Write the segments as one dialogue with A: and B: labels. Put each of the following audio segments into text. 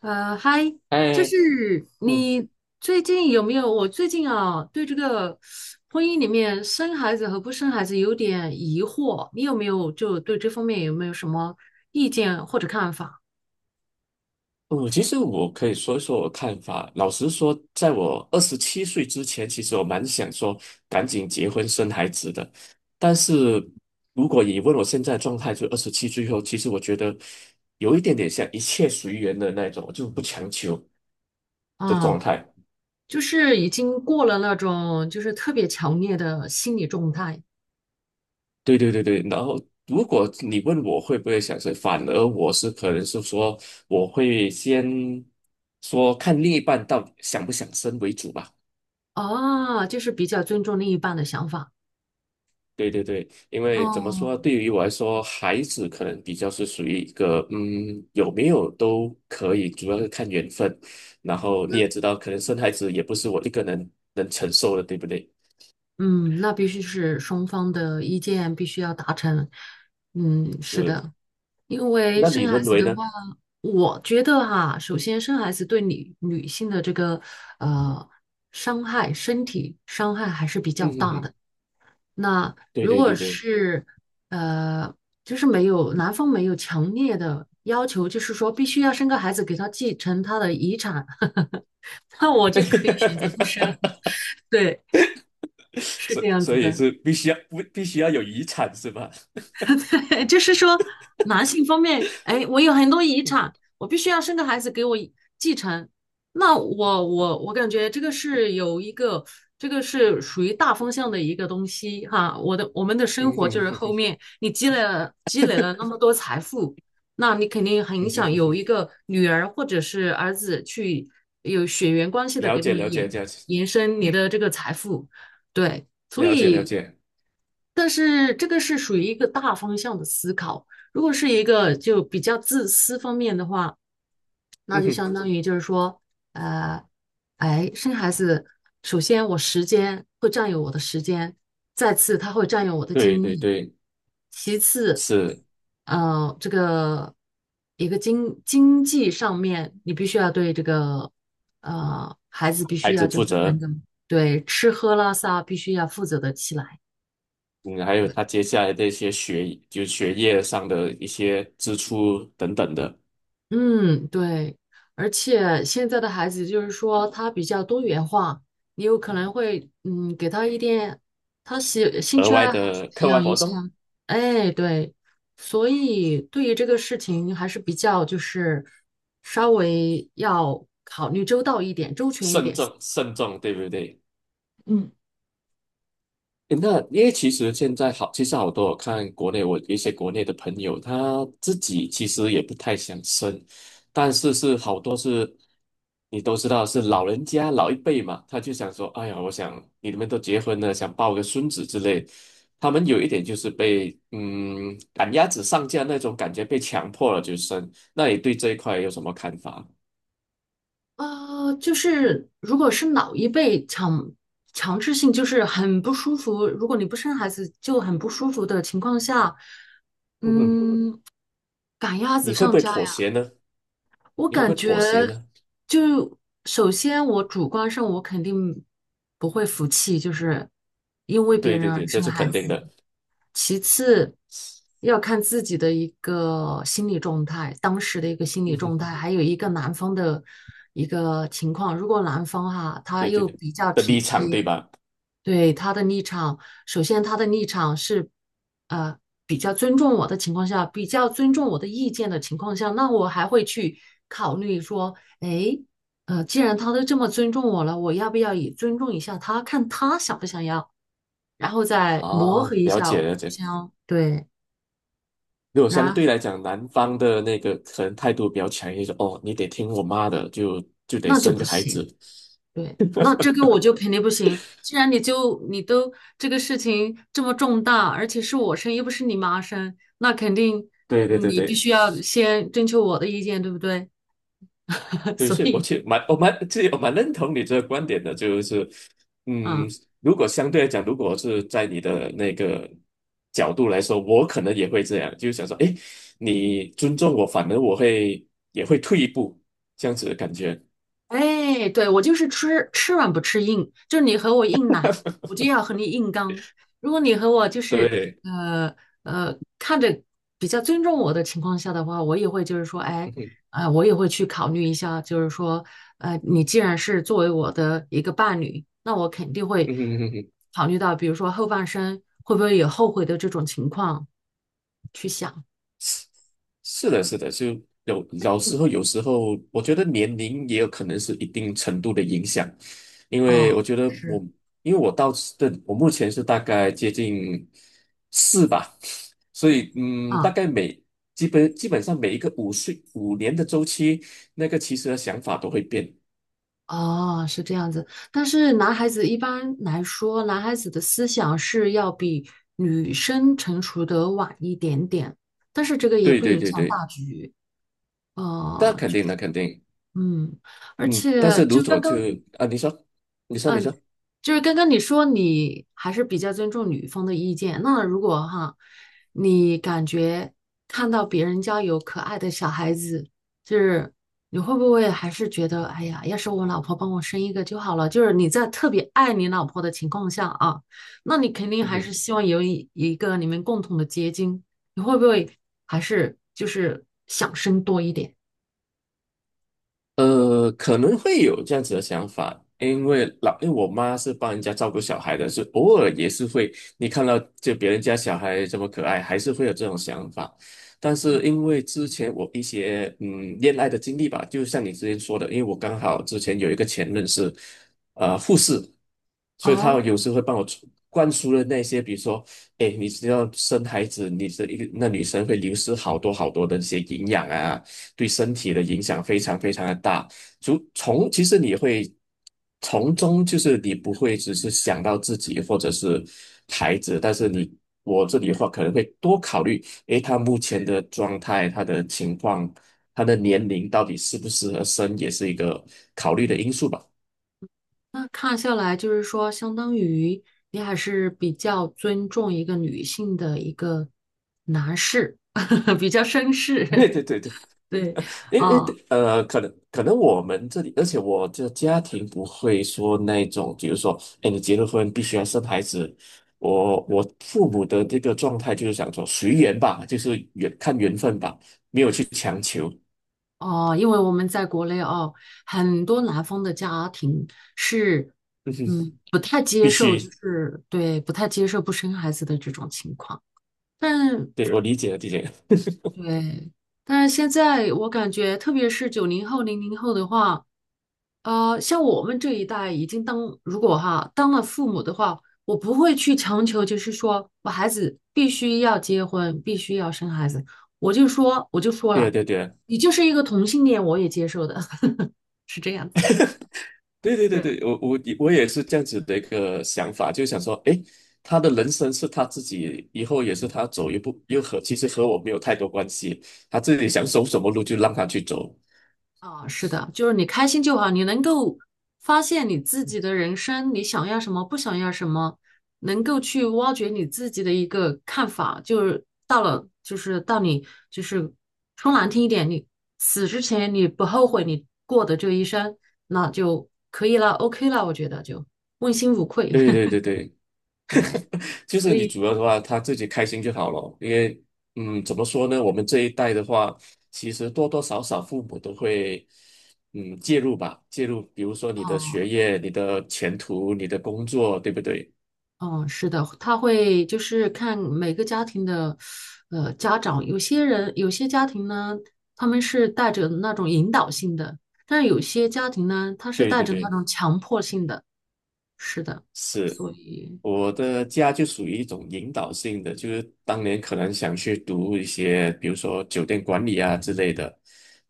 A: 嗨，就
B: 哎，
A: 是
B: 嗯
A: 你最近有没有？我最近啊，对这个婚姻里面生孩子和不生孩子有点疑惑，你有没有对这方面有没有什么意见或者看法？
B: 嗯，其实我可以说一说我看法。老实说，在我二十七岁之前，其实我蛮想说赶紧结婚生孩子的。但是如果你问我现在的状态，就二十七岁后，其实我觉得有一点点像一切随缘的那种，我就不强求的
A: 啊，
B: 状态。
A: 就是已经过了那种就是特别强烈的心理状态。
B: 对对对对，然后如果你问我会不会想生，反而我是可能是说我会先说看另一半到底想不想生为主吧。
A: 啊，就是比较尊重另一半的想法。
B: 对对对，因为怎么
A: 哦，
B: 说，对于我来说，孩子可能比较是属于一个，有没有都可以，主要是看缘分。然后你也知道，可能生孩子也不是我一个人能承受的，对不对？
A: 嗯，那必须是双方的意见必须要达成。嗯，是
B: 是，
A: 的。因为
B: 那你
A: 生孩
B: 认
A: 子
B: 为
A: 的
B: 呢？
A: 话，我觉得哈，首先生孩子对女性的这个呃伤害，身体伤害还是比较
B: 嗯哼
A: 大
B: 哼，
A: 的。那
B: 对
A: 如
B: 对
A: 果
B: 对对，
A: 是呃，就是没有男方没有强烈的要求，就是说必须要生个孩子给他继承他的遗产，那我就可以选择不生。对，是
B: 所
A: 这样子
B: 所以
A: 的。
B: 是必须要不必须要有遗产是吧？
A: 对，就是说男性方面，哎，我有很多遗产，我必须要生个孩子给我继承。那我感觉这个是有一个，这个是属于大方向的一个东西哈。我们的 生
B: 嗯
A: 活就
B: 哼
A: 是
B: 哼
A: 后
B: 哼，
A: 面你积累了那 么多财富，那你肯定很
B: 嗯哼
A: 想
B: 哼
A: 有一
B: 哼，
A: 个女儿或者是儿子去有血缘关系的
B: 了
A: 给
B: 解
A: 你
B: 了解了解
A: 延伸你的这个财富，对。所
B: 了解了
A: 以，
B: 解，
A: 但是这个是属于一个大方向的思考。如果是一个就比较自私方面的话，那
B: 嗯
A: 就
B: 哼，
A: 相当于就是说，呃，哎，生孩子，首先我时间会占有我的时间，再次它会占用我的
B: 对
A: 精
B: 对
A: 力，
B: 对，
A: 其次，
B: 是
A: 这个一个经济上面，你必须要对这个孩子必须
B: 孩
A: 要
B: 子
A: 就
B: 负
A: 是能
B: 责。
A: 够对吃喝拉撒必须要负责得起来。
B: 嗯，还有他接下来的一些学业上的一些支出等等的
A: 嗯，对，而且现在的孩子就是说他比较多元化，你有可能会嗯给他一点他兴
B: 额
A: 趣
B: 外
A: 爱好去
B: 的
A: 培
B: 课外
A: 养一
B: 活
A: 下，
B: 动，
A: 哎，对，所以对于这个事情还是比较就是稍微要考虑周到一点、周全一
B: 慎
A: 点。
B: 重慎重，对不对？
A: 嗯
B: 诶那因为其实现在好，其实好多我看国内一些国内的朋友，他自己其实也不太想生，但是好多是，你都知道是老人家老一辈嘛，他就想说，哎呀，我想你们都结婚了，想抱个孙子之类，他们有一点就是被赶鸭子上架那种感觉，被强迫了就生。那你对这一块有什么看法？
A: 就是如果是老一辈强制性，就是很不舒服。如果你不生孩子，就很不舒服的情况下，
B: 嗯哼，
A: 嗯，赶鸭子
B: 你会不
A: 上
B: 会
A: 架呀！
B: 妥协呢？
A: 我
B: 你会不
A: 感
B: 会
A: 觉
B: 妥协呢？
A: 就首先我主观上我肯定不会服气，就是因为别
B: 对
A: 人
B: 对
A: 而
B: 对，这
A: 生
B: 是
A: 孩
B: 肯定
A: 子。
B: 的。
A: 其次要看自己的一个心理状态，当时的一个 心理
B: 嗯
A: 状
B: 哼。
A: 态，还有一个男方的一个情况。如果男方哈、他
B: 对对
A: 又
B: 对
A: 比较
B: 的
A: 体
B: 立场，对
A: 贴，
B: 吧？
A: 对他的立场，首先他的立场是，呃，比较尊重我的情况下，比较尊重我的意见的情况下，那我还会去考虑说，哎，既然他都这么尊重我了，我要不要也尊重一下他，看他想不想要，然后再
B: 啊，
A: 磨合一
B: 了
A: 下，
B: 解
A: 互
B: 了解。
A: 相对，
B: 如果相对
A: 然
B: 来讲，男方的那个可能态度比较强硬，说哦，你得听我妈的，就得
A: 那就
B: 生
A: 不
B: 个孩
A: 行。
B: 子。
A: 对，那这个我就肯定不行。既然你都这个事情这么重大，而且是我生，又不是你妈生，那肯定
B: 对对对
A: 你必
B: 对
A: 须要先征求我的意见，对不对？
B: 对，
A: 所
B: 是我
A: 以，
B: 其实蛮我蛮其实我蛮认同你这个观点的，就是嗯，
A: 嗯。
B: 如果相对来讲，如果是在你的那个角度来说，我可能也会这样，就是想说，哎，你尊重我，反而我会也会退一步，这样子的感觉。
A: 哎，对，我就是吃软不吃硬，就你和我硬来，我就要和你硬刚。如果你和我就是
B: 对，
A: 呃看着比较尊重我的情况下的话，我也会就是说，哎，
B: 嗯哼，
A: 我也会去考虑一下，就是说，你既然是作为我的一个伴侣，那我肯定会
B: 嗯哼嗯哼
A: 考虑到，比如说后半生会不会有后悔的这种情况去想。
B: 是的，是的，就有时候我觉得年龄也有可能是一定程度的影响，因
A: 哦，
B: 为我觉得
A: 是
B: 我，因为我到这，我目前是大概接近4吧，所以嗯，大
A: 啊。
B: 概每基本上每一个5年的周期，那个其实的想法都会变。
A: 哦，是这样子。但是男孩子一般来说，男孩子的思想是要比女生成熟的晚一点点，但是这个也
B: 对
A: 不
B: 对
A: 影
B: 对
A: 响
B: 对，
A: 大局。
B: 那
A: 呃，
B: 肯
A: 就
B: 定的，肯定，
A: 嗯，而
B: 嗯，但
A: 且
B: 是如果就啊，你说，
A: 就是刚刚你说你还是比较尊重女方的意见，那如果哈，你感觉看到别人家有可爱的小孩子，就是你会不会还是觉得，哎呀，要是我老婆帮我生一个就好了？就是你在特别爱你老婆的情况下啊，那你肯定
B: 嗯
A: 还是
B: 哼。
A: 希望有一个你们共同的结晶，你会不会还是就是想生多一点？
B: 可能会有这样子的想法，因为我妈是帮人家照顾小孩的，是偶尔也是会，你看到就别人家小孩这么可爱，还是会有这种想法。但
A: 嗯，
B: 是因为之前我一些恋爱的经历吧，就像你之前说的，因为我刚好之前有一个前任是护士，所以他
A: 哦，
B: 有时会帮我灌输的那些，比如说哎，你知道生孩子，你这一个那女生会流失好多好多的一些营养啊，对身体的影响非常非常的大。就从其实你会从中，就是你不会只是想到自己或者是孩子，但是我这里的话可能会多考虑，诶，他目前的状态、他的情况、他的年龄到底适不适合生，也是一个考虑的因素吧。
A: 那看下来，就是说，相当于你还是比较尊重一个女性的一个男士，比较绅士。
B: 对对对对
A: 对，啊、
B: 可能可能我们这里，而且我的家庭不会说那种，比如说，哎，你结了婚必须要生孩子。我父母的这个状态就是想说随缘吧，就是看缘分吧，没有去强求，
A: 哦，因为我们在国内哦，很多南方的家庭是，嗯，不太接
B: 必
A: 受，就
B: 须。
A: 是对，不太接受不生孩子的这种情况。但
B: 对，我理解了，理解了。
A: 对，但是现在我感觉，特别是九零后、零零后的话。呃，像我们这一代已经当，如果哈当了父母的话，我不会去强求，就是说我孩子必须要结婚，必须要生孩子。我就说
B: 对啊，
A: 了，
B: 对啊对啊。
A: 你就是一个同性恋，我也接受的，是这样子。
B: 对对对对，我也是这样子的一个想法，就想说，诶，他的人生是他自己，以后也是他走一步，又和其实和我没有太多关系，他自己想走什么路就让他去走。
A: 啊，是的，就是你开心就好，你能够发现你自己的人生，你想要什么，不想要什么，能够去挖掘你自己的一个看法，就是到了，就是到你，就是说难听一点，你死之前你不后悔你过的这一生，那就可以了，OK 了，我觉得就问心无愧。
B: 对对对 对，
A: 对，
B: 就是
A: 所
B: 你
A: 以，
B: 主要的话，他自己开心就好了，因为嗯，怎么说呢，我们这一代的话，其实多多少少父母都会介入，比如说你的学
A: 啊。
B: 业、你的前途、你的工作，对不对？
A: 嗯，是的，他会就是看每个家庭的，呃，家长，有些家庭呢，他们是带着那种引导性的，但是有些家庭呢，他是
B: 对
A: 带
B: 对
A: 着那
B: 对，
A: 种强迫性的，是的，
B: 是。
A: 所以
B: 我的家就属于一种引导性的，就是当年可能想去读一些，比如说酒店管理啊之类的，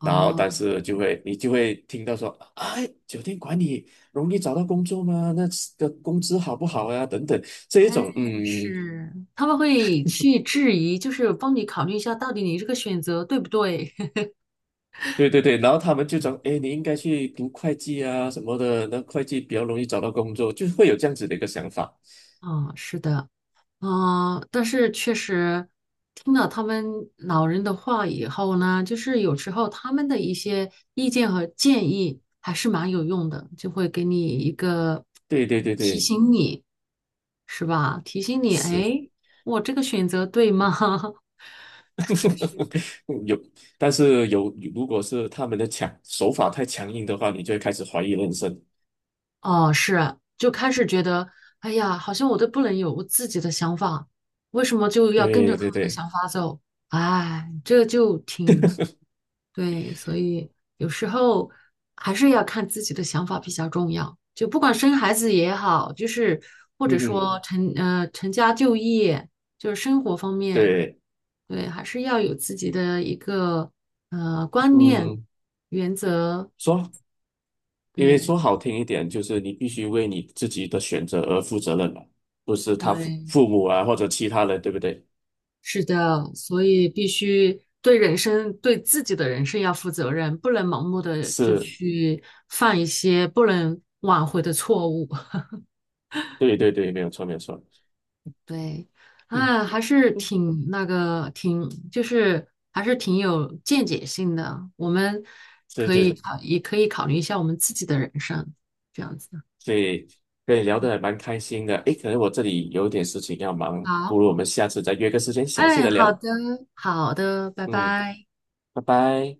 B: 然后但是就会你就会听到说，哎，酒店管理容易找到工作吗？那的个工资好不好呀、等等，这一
A: 哎，
B: 种，嗯，
A: 是，他们会去质疑，就是帮你考虑一下，到底你这个选择对不对？
B: 对对对，然后他们就讲，哎，你应该去读会计啊什么的，那会计比较容易找到工作，就会有这样子的一个想法。
A: 嗯，是的。嗯，但是确实听了他们老人的话以后呢，就是有时候他们的一些意见和建议还是蛮有用的，就会给你一个
B: 对对对
A: 提
B: 对，
A: 醒你，是吧？提醒你，
B: 是。
A: 哎，我这个选择对吗？是。还是
B: 有，但是有，如果是他们的强手法太强硬的话，你就会开始怀疑人生。
A: 哦，是，就开始觉得，哎呀，好像我都不能有我自己的想法，为什么就要跟着
B: 对
A: 他
B: 对
A: 们的
B: 对，
A: 想法走？哎，这就挺对，所以有时候还是要看自己的想法比较重要。就不管生孩子也好，就是或
B: 嗯
A: 者
B: 哼，
A: 说呃成家就业，就是生活方面，
B: 对，
A: 对，还是要有自己的一个观念、
B: 嗯，
A: 原则，
B: 说，因为
A: 对
B: 说好听一点，就是你必须为你自己的选择而负责任嘛，不是他父
A: 对。
B: 父母啊或者其他人，对不对？
A: 是的，所以必须对人生、对自己的人生要负责任，不能盲目的就
B: 是，
A: 去犯一些不能挽回的错误。
B: 对对对，没有错没有错，
A: 对，
B: 嗯，
A: 啊，还是挺那个，挺就是还是挺有见解性的。我们
B: 对
A: 可以
B: 对，
A: 考虑一下我们自己的人生，这样子。
B: 对，以跟你聊得还蛮开心的。诶，可能我这里有点事情要忙，不
A: 好，
B: 如我们下次再约个时间详细
A: 哎，
B: 的
A: 好
B: 聊。
A: 的，好的，拜
B: 嗯，
A: 拜。
B: 拜拜。